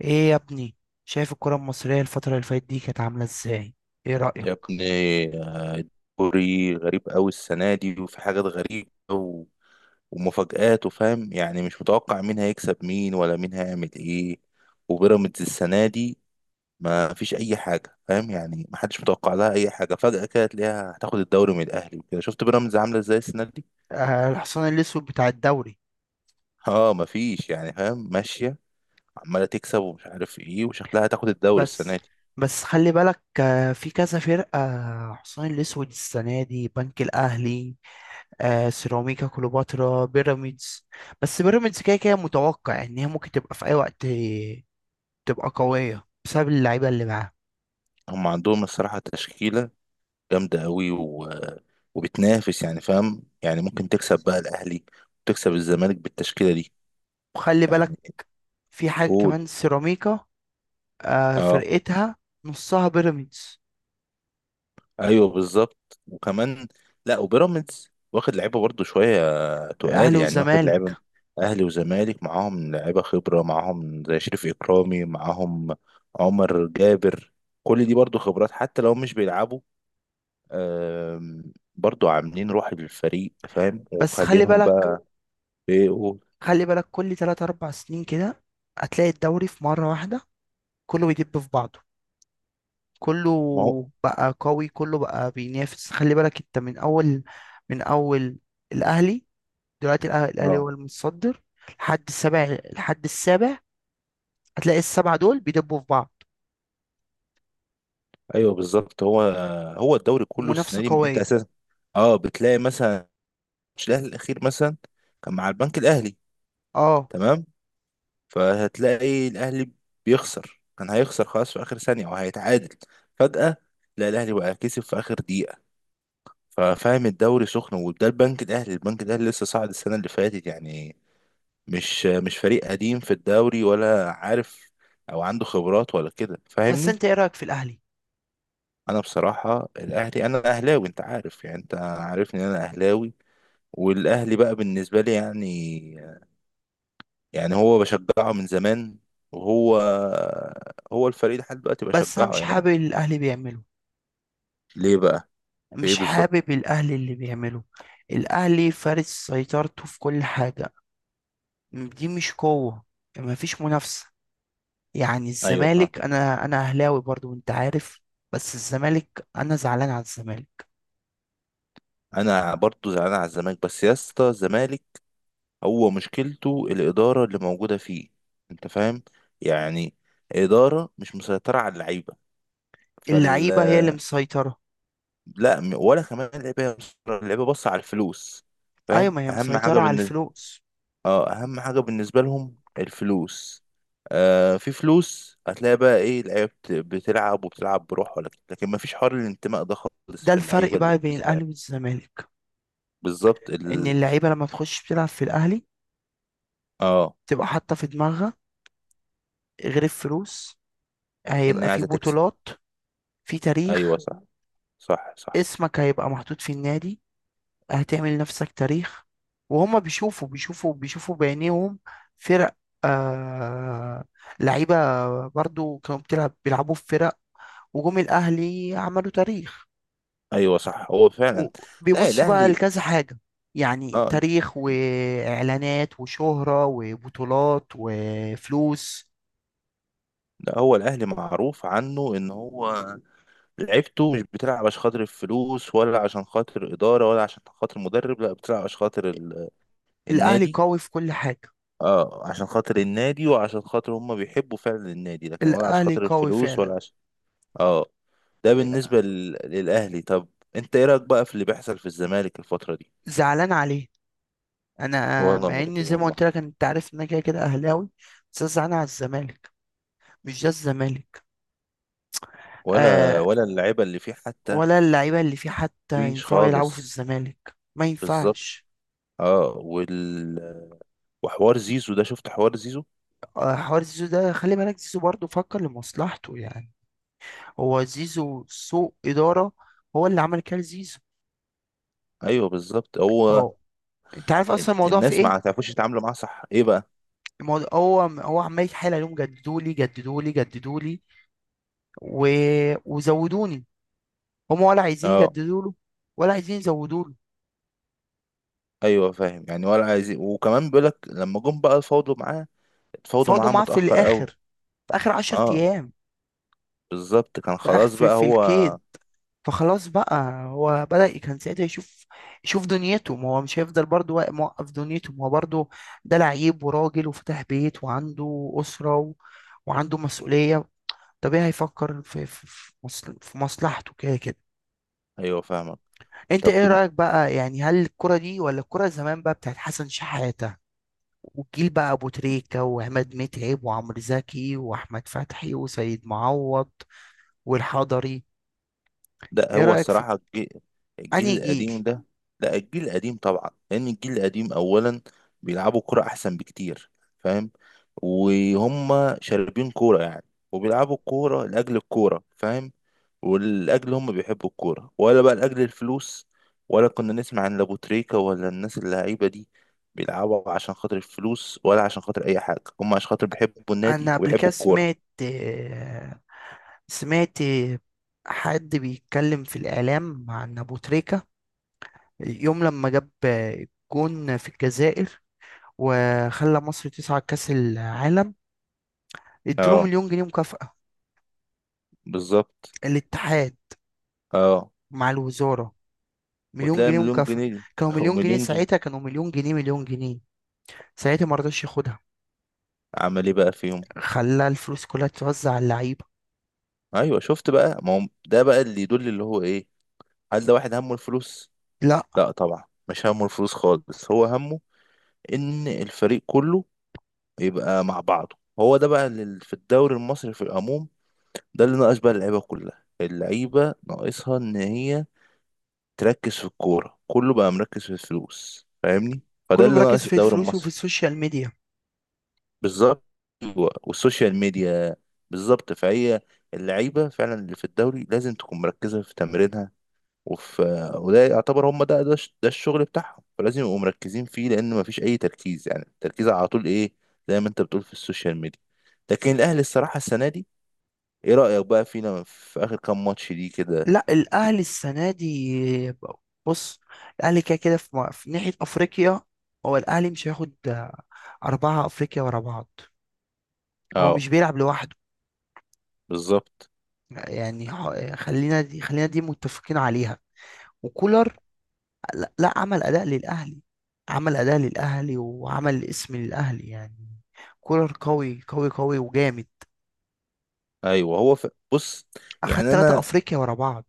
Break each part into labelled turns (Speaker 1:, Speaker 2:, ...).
Speaker 1: ايه يا ابني؟ شايف الكرة المصرية الفترة اللي فاتت دي كانت عاملة ازاي؟ ايه
Speaker 2: يا
Speaker 1: رأيك؟
Speaker 2: ابني، كوري غريب قوي السنة دي وفي حاجات غريبة ومفاجآت وفاهم يعني مش متوقع مين هيكسب مين ولا مين هيعمل ايه. وبيراميدز السنة دي ما فيش أي حاجة، فاهم؟ يعني ما حدش متوقع لها أي حاجة، فجأة كده تلاقيها هتاخد الدوري من الأهلي وكده. شفت بيراميدز عاملة ازاي السنة دي؟
Speaker 1: آه، الحصان الاسود بتاع الدوري.
Speaker 2: اه ما فيش يعني، فاهم؟ ماشية عمالة تكسب ومش عارف ايه وشكلها هتاخد الدوري
Speaker 1: بس
Speaker 2: السنة دي.
Speaker 1: بس خلي بالك، في كذا فرقة، حصان الاسود السنة دي بنك الاهلي، آه سيراميكا كليوباترا بيراميدز. بس بيراميدز كده كده متوقع ان هي ممكن تبقى في اي وقت، تبقى قوية بسبب اللعيبة اللي معاها.
Speaker 2: هم عندهم الصراحة تشكيلة جامدة قوي وبتنافس يعني، فاهم؟ يعني ممكن تكسب بقى الأهلي وتكسب الزمالك بالتشكيلة دي.
Speaker 1: وخلي بالك،
Speaker 2: يعني
Speaker 1: في حاجة
Speaker 2: قول،
Speaker 1: كمان سيراميكا،
Speaker 2: اه
Speaker 1: فرقتها نصها بيراميدز.
Speaker 2: ايوه بالظبط وكمان. لا، وبيراميدز واخد لعيبة برضه شوية تقال
Speaker 1: الاهلي
Speaker 2: يعني، واخد
Speaker 1: والزمالك.
Speaker 2: لعيبة. أهلي وزمالك معاهم لعيبة خبرة معاهم، زي شريف إكرامي معاهم، عمر جابر. كل دي برضه خبرات حتى لو مش بيلعبوا. برضه عاملين روح للفريق، فاهم؟
Speaker 1: بس خلي
Speaker 2: ومخلينهم
Speaker 1: بالك
Speaker 2: بقى. ايه؟ قول.
Speaker 1: خلي بالك كل 3 4 سنين كده هتلاقي الدوري في مرة واحدة كله بيدب في بعضه، كله
Speaker 2: ما هو
Speaker 1: بقى قوي، كله بقى بينافس. خلي بالك انت من اول. الاهلي دلوقتي الاهلي
Speaker 2: اه
Speaker 1: هو المتصدر، لحد السابع هتلاقي السبعة دول بيدبوا في بعض.
Speaker 2: ايوه بالظبط. هو هو الدوري كله السنه
Speaker 1: منافسة
Speaker 2: دي انت
Speaker 1: قوية.
Speaker 2: اساسا. اه بتلاقي مثلا ماتش الاهلي الاخير مثلا كان مع البنك الاهلي،
Speaker 1: اه،
Speaker 2: تمام؟ فهتلاقي الاهلي بيخسر، كان هيخسر خلاص في اخر ثانيه وهيتعادل. فجاه لا، الاهلي بقى كسب في اخر دقيقه. ففاهم، الدوري سخن. وده البنك الاهلي لسه صاعد السنه اللي فاتت يعني، مش فريق قديم في الدوري، ولا عارف او عنده خبرات ولا كده،
Speaker 1: بس
Speaker 2: فاهمني؟
Speaker 1: انت ايه رأيك في الاهلي؟
Speaker 2: انا بصراحه الاهلي، انا اهلاوي، انت عارف يعني، انت عارفني إن انا اهلاوي. والاهلي بقى بالنسبه لي يعني هو بشجعه من زمان، وهو هو الفريق لحد دلوقتي
Speaker 1: بس انا
Speaker 2: بشجعه
Speaker 1: مش
Speaker 2: يعني.
Speaker 1: حابب اللي الاهلي بيعمله،
Speaker 2: ليه بقى؟ في ايه
Speaker 1: مش
Speaker 2: بالظبط؟
Speaker 1: حابب الاهلي اللي بيعمله. الاهلي فارس سيطرته في كل حاجة، دي مش قوة، ما فيش منافسة. يعني
Speaker 2: ايوه فاهم.
Speaker 1: الزمالك، انا اهلاوي برضو وانت عارف، بس الزمالك انا زعلان على الزمالك.
Speaker 2: انا برضو زعلان على الزمالك بس، يا اسطى، الزمالك هو مشكلته الاداره اللي موجوده فيه، انت فاهم؟ يعني اداره مش مسيطره على اللعيبه. فال،
Speaker 1: اللعيبة هي اللي مسيطرة.
Speaker 2: لا، ولا كمان اللعيبه بص على الفلوس،
Speaker 1: ايوه،
Speaker 2: فاهم؟
Speaker 1: ما هي
Speaker 2: اهم حاجه
Speaker 1: مسيطرة على
Speaker 2: بالنسبه،
Speaker 1: الفلوس.
Speaker 2: اه اهم حاجه بالنسبه لهم الفلوس. آه في فلوس. هتلاقي بقى ايه؟ اللعيبه بتلعب وبتلعب بروح ولا كده. لكن ما فيش حوار الانتماء ده خالص
Speaker 1: ده
Speaker 2: في
Speaker 1: الفرق
Speaker 2: اللعيبه اللي
Speaker 1: بقى
Speaker 2: في
Speaker 1: بين
Speaker 2: الزمالك.
Speaker 1: الاهلي والزمالك،
Speaker 2: بالظبط
Speaker 1: ان اللعيبة لما تخش تلعب في الاهلي
Speaker 2: اه،
Speaker 1: تبقى حاطة في دماغها، غير الفلوس
Speaker 2: ان
Speaker 1: هيبقى
Speaker 2: هي
Speaker 1: في
Speaker 2: عايزه تكسب.
Speaker 1: بطولات، في
Speaker 2: ايوه،
Speaker 1: تاريخ،
Speaker 2: صح، صح، صح.
Speaker 1: اسمك هيبقى محطوط في النادي، هتعمل نفسك تاريخ. وهم بيشوفوا بيشوفوا بيشوفوا بعينيهم فرق، آه، لعيبة برضو كانوا بتلعب بيلعبوا في فرق، وجم الأهلي عملوا تاريخ.
Speaker 2: ايوه صح، هو فعلا. لا
Speaker 1: وبيبصوا بقى
Speaker 2: الاهلي،
Speaker 1: لكذا حاجة، يعني
Speaker 2: اه
Speaker 1: تاريخ وإعلانات وشهرة وبطولات وفلوس.
Speaker 2: لا، هو الاهلي معروف عنه ان هو لعبته مش بتلعب عشان خاطر الفلوس، ولا عشان خاطر إدارة، ولا عشان خاطر مدرب، لا بتلعب عشان خاطر
Speaker 1: الأهلي
Speaker 2: النادي.
Speaker 1: قوي في كل حاجة،
Speaker 2: اه عشان خاطر النادي، وعشان خاطر هم بيحبوا فعلا النادي، لكن ولا عشان
Speaker 1: الأهلي
Speaker 2: خاطر
Speaker 1: قوي
Speaker 2: الفلوس
Speaker 1: فعلا.
Speaker 2: ولا عشان. اه. ده بالنسبة للأهلي. طب انت ايه رأيك بقى في اللي بيحصل في الزمالك الفترة دي؟
Speaker 1: زعلان عليه، أنا
Speaker 2: ولا
Speaker 1: مع
Speaker 2: برضه
Speaker 1: إن زي ما
Speaker 2: والله.
Speaker 1: قلت لك، أنت عارف إن أنا كده كده أهلاوي، بس أنا زعلان على الزمالك، مش ده الزمالك.
Speaker 2: ولا
Speaker 1: آه،
Speaker 2: ولا اللعيبة اللي فيه حتى.
Speaker 1: ولا اللعيبة اللي فيه حتى
Speaker 2: مفيش
Speaker 1: ينفعوا يلعبوا في
Speaker 2: خالص.
Speaker 1: الزمالك، ما
Speaker 2: بالظبط.
Speaker 1: ينفعش.
Speaker 2: اه وال... وحوار زيزو ده، شفت حوار زيزو؟
Speaker 1: آه، حوار زيزو ده خلي بالك، زيزو برضه فكر لمصلحته يعني. هو زيزو سوء إدارة، هو اللي عمل كده زيزو.
Speaker 2: ايوه بالظبط، هو
Speaker 1: اهو، انت عارف اصلا الموضوع في
Speaker 2: الناس
Speaker 1: ايه؟
Speaker 2: ما تعرفوش يتعاملوا معاه، صح؟ ايه بقى؟
Speaker 1: الموضوع، هو عمال يتحايل عليهم، جددولي جددولي جددولي و... وزودوني، هم ولا عايزين
Speaker 2: اه
Speaker 1: يجددوا له، ولا عايزين يزودوا له.
Speaker 2: ايوه فاهم يعني، ولا عايزين. وكمان بيقولك لما جم بقى الفوضى معاه، اتفاوضوا
Speaker 1: فاضوا
Speaker 2: معاه
Speaker 1: معاه في
Speaker 2: متأخر
Speaker 1: الاخر،
Speaker 2: قوي.
Speaker 1: في اخر 10
Speaker 2: اه
Speaker 1: ايام،
Speaker 2: بالظبط، كان خلاص بقى
Speaker 1: في الكيس.
Speaker 2: هو.
Speaker 1: فخلاص بقى، هو بدأ كان ساعتها يشوف، يشوف دنيته، ما هو مش هيفضل برضه موقف دنيته، ما هو برضه ده لعيب وراجل وفتح بيت وعنده أسرة وعنده مسؤولية، طبيعي هيفكر في مصلحته كده كده.
Speaker 2: ايوه فاهمك.
Speaker 1: انت
Speaker 2: طب
Speaker 1: ايه رأيك بقى، يعني هل الكرة دي ولا الكرة زمان بقى بتاعت حسن شحاتة والجيل بقى ابو تريكة وعماد متعب وعمرو زكي واحمد فتحي وسيد معوض والحضري؟
Speaker 2: لا،
Speaker 1: ايه
Speaker 2: هو
Speaker 1: رأيك في
Speaker 2: الصراحة
Speaker 1: انهي
Speaker 2: الجيل
Speaker 1: جيل؟
Speaker 2: القديم ده. لا الجيل القديم طبعا، لان الجيل القديم اولا بيلعبوا كرة احسن بكتير، فاهم؟ وهم شاربين كورة يعني، وبيلعبوا الكورة لأجل الكورة، فاهم؟ والأجل هم بيحبوا الكورة، ولا بقى لأجل الفلوس، ولا كنا نسمع عن لابوتريكا. ولا الناس اللعيبة دي بيلعبوا عشان خاطر الفلوس ولا عشان خاطر أي حاجة، هم عشان خاطر بيحبوا النادي
Speaker 1: انا قبل كده
Speaker 2: ويحبوا الكورة.
Speaker 1: سمعت، سمعت حد بيتكلم في الاعلام عن ابو تريكة، يوم لما جاب جون في الجزائر وخلى مصر تصعد كاس العالم. ادوا
Speaker 2: اه
Speaker 1: مليون جنيه مكافأة
Speaker 2: بالظبط.
Speaker 1: الاتحاد
Speaker 2: اه
Speaker 1: مع الوزارة، مليون
Speaker 2: وتلاقي
Speaker 1: جنيه
Speaker 2: مليون
Speaker 1: مكافأة.
Speaker 2: جنيه دي
Speaker 1: كانوا مليون جنيه
Speaker 2: ومليون جنيه.
Speaker 1: ساعتها، كانوا مليون جنيه مليون جنيه ساعتها، ما رضاش ياخدها،
Speaker 2: عمل ايه بقى فيهم؟
Speaker 1: خلى الفلوس كلها توزع على اللعيبة.
Speaker 2: ايوه شفت بقى، ما هو ده بقى اللي يدل اللي هو ايه؟ هل ده واحد همه الفلوس؟
Speaker 1: لا،
Speaker 2: لا طبعا مش همه الفلوس خالص، هو همه ان الفريق كله يبقى مع بعضه. هو ده بقى اللي في الدوري المصري في العموم، ده اللي ناقص بقى. اللعيبه كلها، اللعيبه ناقصها ان هي تركز في الكوره، كله بقى مركز في الفلوس، فاهمني؟ فده
Speaker 1: كله
Speaker 2: اللي
Speaker 1: مركز
Speaker 2: ناقص
Speaker 1: في
Speaker 2: الدوري
Speaker 1: الفلوس وفي
Speaker 2: المصري.
Speaker 1: السوشيال ميديا.
Speaker 2: بالظبط. أيوة، والسوشيال ميديا. بالظبط، فهي اللعيبه فعلا اللي في الدوري لازم تكون مركزه في تمرينها وفي، وده يعتبر هم ده، ده الشغل بتاعهم، فلازم يبقوا مركزين فيه، لان مفيش اي تركيز يعني، التركيز على طول ايه؟ زي ما انت بتقول في السوشيال ميديا. لكن الاهلي الصراحه السنه دي، ايه رايك بقى فينا في اخر كام ماتش دي كده؟
Speaker 1: لا الاهلي السنه دي، بص، الاهلي كده كده في ناحيه افريقيا، هو الاهلي مش هياخد اربعه افريقيا ورا بعض، هو
Speaker 2: اه
Speaker 1: مش بيلعب لوحده.
Speaker 2: بالظبط.
Speaker 1: يعني خلينا دي متفقين عليها. وكولر، لا عمل اداء للاهلي، عمل اداء للاهلي وعمل اسم للاهلي يعني. كولر قوي قوي قوي وجامد،
Speaker 2: ايوه هو بص
Speaker 1: اخد
Speaker 2: يعني.
Speaker 1: ثلاثه
Speaker 2: انا
Speaker 1: افريقيا ورا بعض.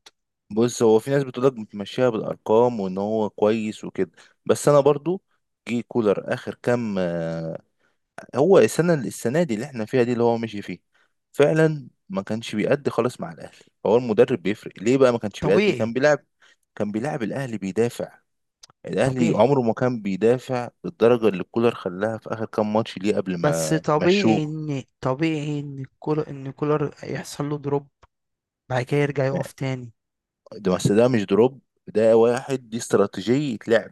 Speaker 2: بص، هو في ناس بتقول لك بتمشيها بالارقام وان هو كويس وكده، بس انا برضو جه كولر اخر كام. هو السنه دي اللي احنا فيها دي اللي هو مشي فيه فعلا ما كانش بيأدي خالص مع الاهلي. فهو المدرب بيفرق ليه بقى؟ ما كانش بيأدي، كان
Speaker 1: طبيعي.
Speaker 2: بيلعب كان بيلعب الاهلي بيدافع. الاهلي
Speaker 1: طبيعي
Speaker 2: عمره ما كان بيدافع بالدرجه اللي كولر خلاها في اخر كام ماتش ليه قبل
Speaker 1: بس
Speaker 2: ما
Speaker 1: طبيعي
Speaker 2: مشوه.
Speaker 1: ان طبيعي ان كولر ان كولر يحصل له دروب، بعد كده يرجع يقف تاني.
Speaker 2: ده بس ده مش دروب، ده واحد، دي استراتيجية لعب،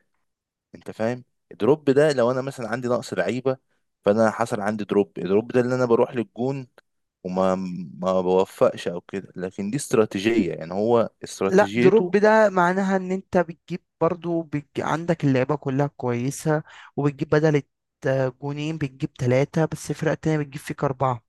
Speaker 2: انت فاهم؟ الدروب ده لو انا مثلا عندي نقص لعيبة، فانا حصل عندي دروب. الدروب ده اللي انا بروح للجون وما ما بوفقش او كده، لكن دي استراتيجية يعني، هو
Speaker 1: لا
Speaker 2: استراتيجيته.
Speaker 1: دروب ده معناها ان انت عندك اللعيبه كلها كويسه، وبتجيب بدل جونين، بتجيب ثلاثه بس الفرقه التانيه بتجيب فيك اربعه.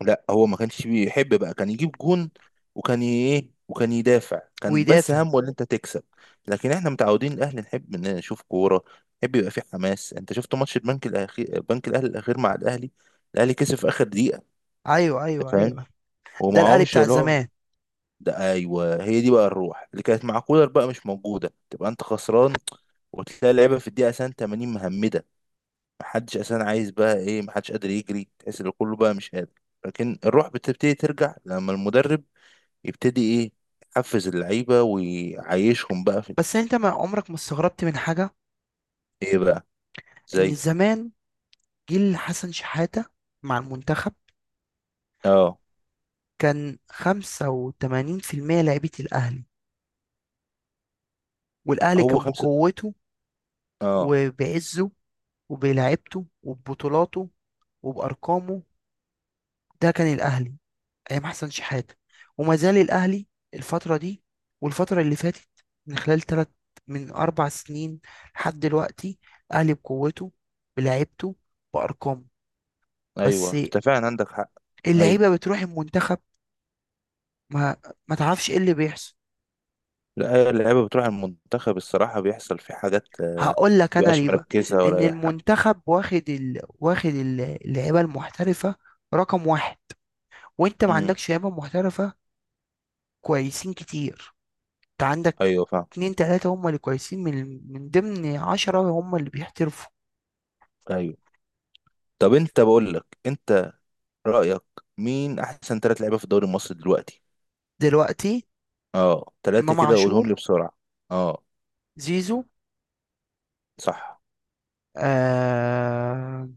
Speaker 2: لا هو ما كانش بيحب بقى كان يجيب جون، وكان ايه، وكان يدافع. كان بس
Speaker 1: ويدافع.
Speaker 2: همه ان انت تكسب. لكن احنا متعودين الاهلي نحب ان نشوف كورة، نحب يبقى فيه حماس. انت شفت ماتش البنك الاخير، بنك الاهلي الاخير مع الاهلي، الاهلي كسب في اخر دقيقة،
Speaker 1: ايوه
Speaker 2: انت
Speaker 1: ايوه
Speaker 2: فاهم؟
Speaker 1: ايوه، ده الاهلي
Speaker 2: ومعهمش
Speaker 1: بتاع
Speaker 2: اللي هو
Speaker 1: زمان.
Speaker 2: ده. ايوه، هي دي بقى الروح اللي كانت مع كولر بقى مش موجوده. تبقى انت خسران، وتلاقي اللعيبه في الدقيقه اساسا 80 مهمده. محدش اساسا عايز بقى ايه، محدش قادر يجري، تحس ان كله بقى مش قادر. لكن الروح بتبتدي ترجع لما المدرب يبتدي ايه، يحفز اللعيبه ويعيشهم بقى في
Speaker 1: بس انت ما عمرك ما استغربت من حاجه،
Speaker 2: ايه بقى،
Speaker 1: ان
Speaker 2: زي
Speaker 1: زمان جيل حسن شحاته مع المنتخب
Speaker 2: اه
Speaker 1: كان 85% لعيبه الاهلي، والاهلي
Speaker 2: هو
Speaker 1: كان
Speaker 2: خمسه.
Speaker 1: بقوته
Speaker 2: اه
Speaker 1: وبعزه وبلعبته وببطولاته وبأرقامه، ده كان الاهلي ايام حسن شحاتة. وما زال الاهلي الفتره دي والفتره اللي فاتت من خلال ثلاث، من اربع سنين لحد دلوقتي، الاهلي بقوته بلعيبته بارقامه. بس
Speaker 2: ايوه انت فعلا عندك حق. أيوة.
Speaker 1: اللعيبه بتروح المنتخب، ما ما تعرفش ايه اللي بيحصل.
Speaker 2: لا، اللعيبة بتروح المنتخب الصراحة، بيحصل في حاجات
Speaker 1: هقول لك انا
Speaker 2: متبقاش
Speaker 1: ليه بقى،
Speaker 2: مركزة
Speaker 1: ان
Speaker 2: ولا أي حاجة.
Speaker 1: المنتخب واخد اللعيبه المحترفه رقم واحد، وانت ما
Speaker 2: امم
Speaker 1: عندكش لعيبه محترفه كويسين كتير، انت عندك
Speaker 2: أيوه فاهم.
Speaker 1: اتنين تلاتة هم اللي كويسين من ضمن عشرة هم اللي بيحترفوا.
Speaker 2: أيوه. طب أنت، بقول لك، أنت رأيك مين أحسن ثلاث لعيبة في الدوري المصري دلوقتي؟
Speaker 1: دلوقتي
Speaker 2: أه، ثلاثة
Speaker 1: إمام
Speaker 2: كده، قولهم لي
Speaker 1: عاشور،
Speaker 2: بسرعة. أه.
Speaker 1: زيزو،
Speaker 2: صح.
Speaker 1: آه.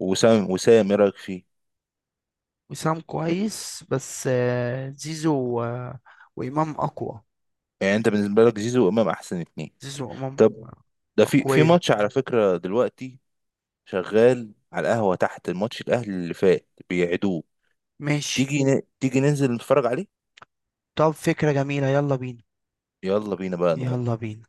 Speaker 2: وسام، وسام إيه رأيك فيه؟
Speaker 1: وسام
Speaker 2: م-
Speaker 1: كويس، بس آه زيزو، آه، وإمام أقوى.
Speaker 2: يعني أنت بالنسبة لك زيزو وإمام أحسن اتنين.
Speaker 1: زيزو وإمام
Speaker 2: طب ده في
Speaker 1: أقوياء.
Speaker 2: ماتش على فكرة دلوقتي شغال على القهوة تحت. الماتش الأهلي اللي فات بيعيدوه،
Speaker 1: ماشي،
Speaker 2: تيجي ننزل نتفرج عليه؟
Speaker 1: طب فكرة جميلة، يلا بينا،
Speaker 2: يلا بينا بقى نقوم.
Speaker 1: يلا بينا.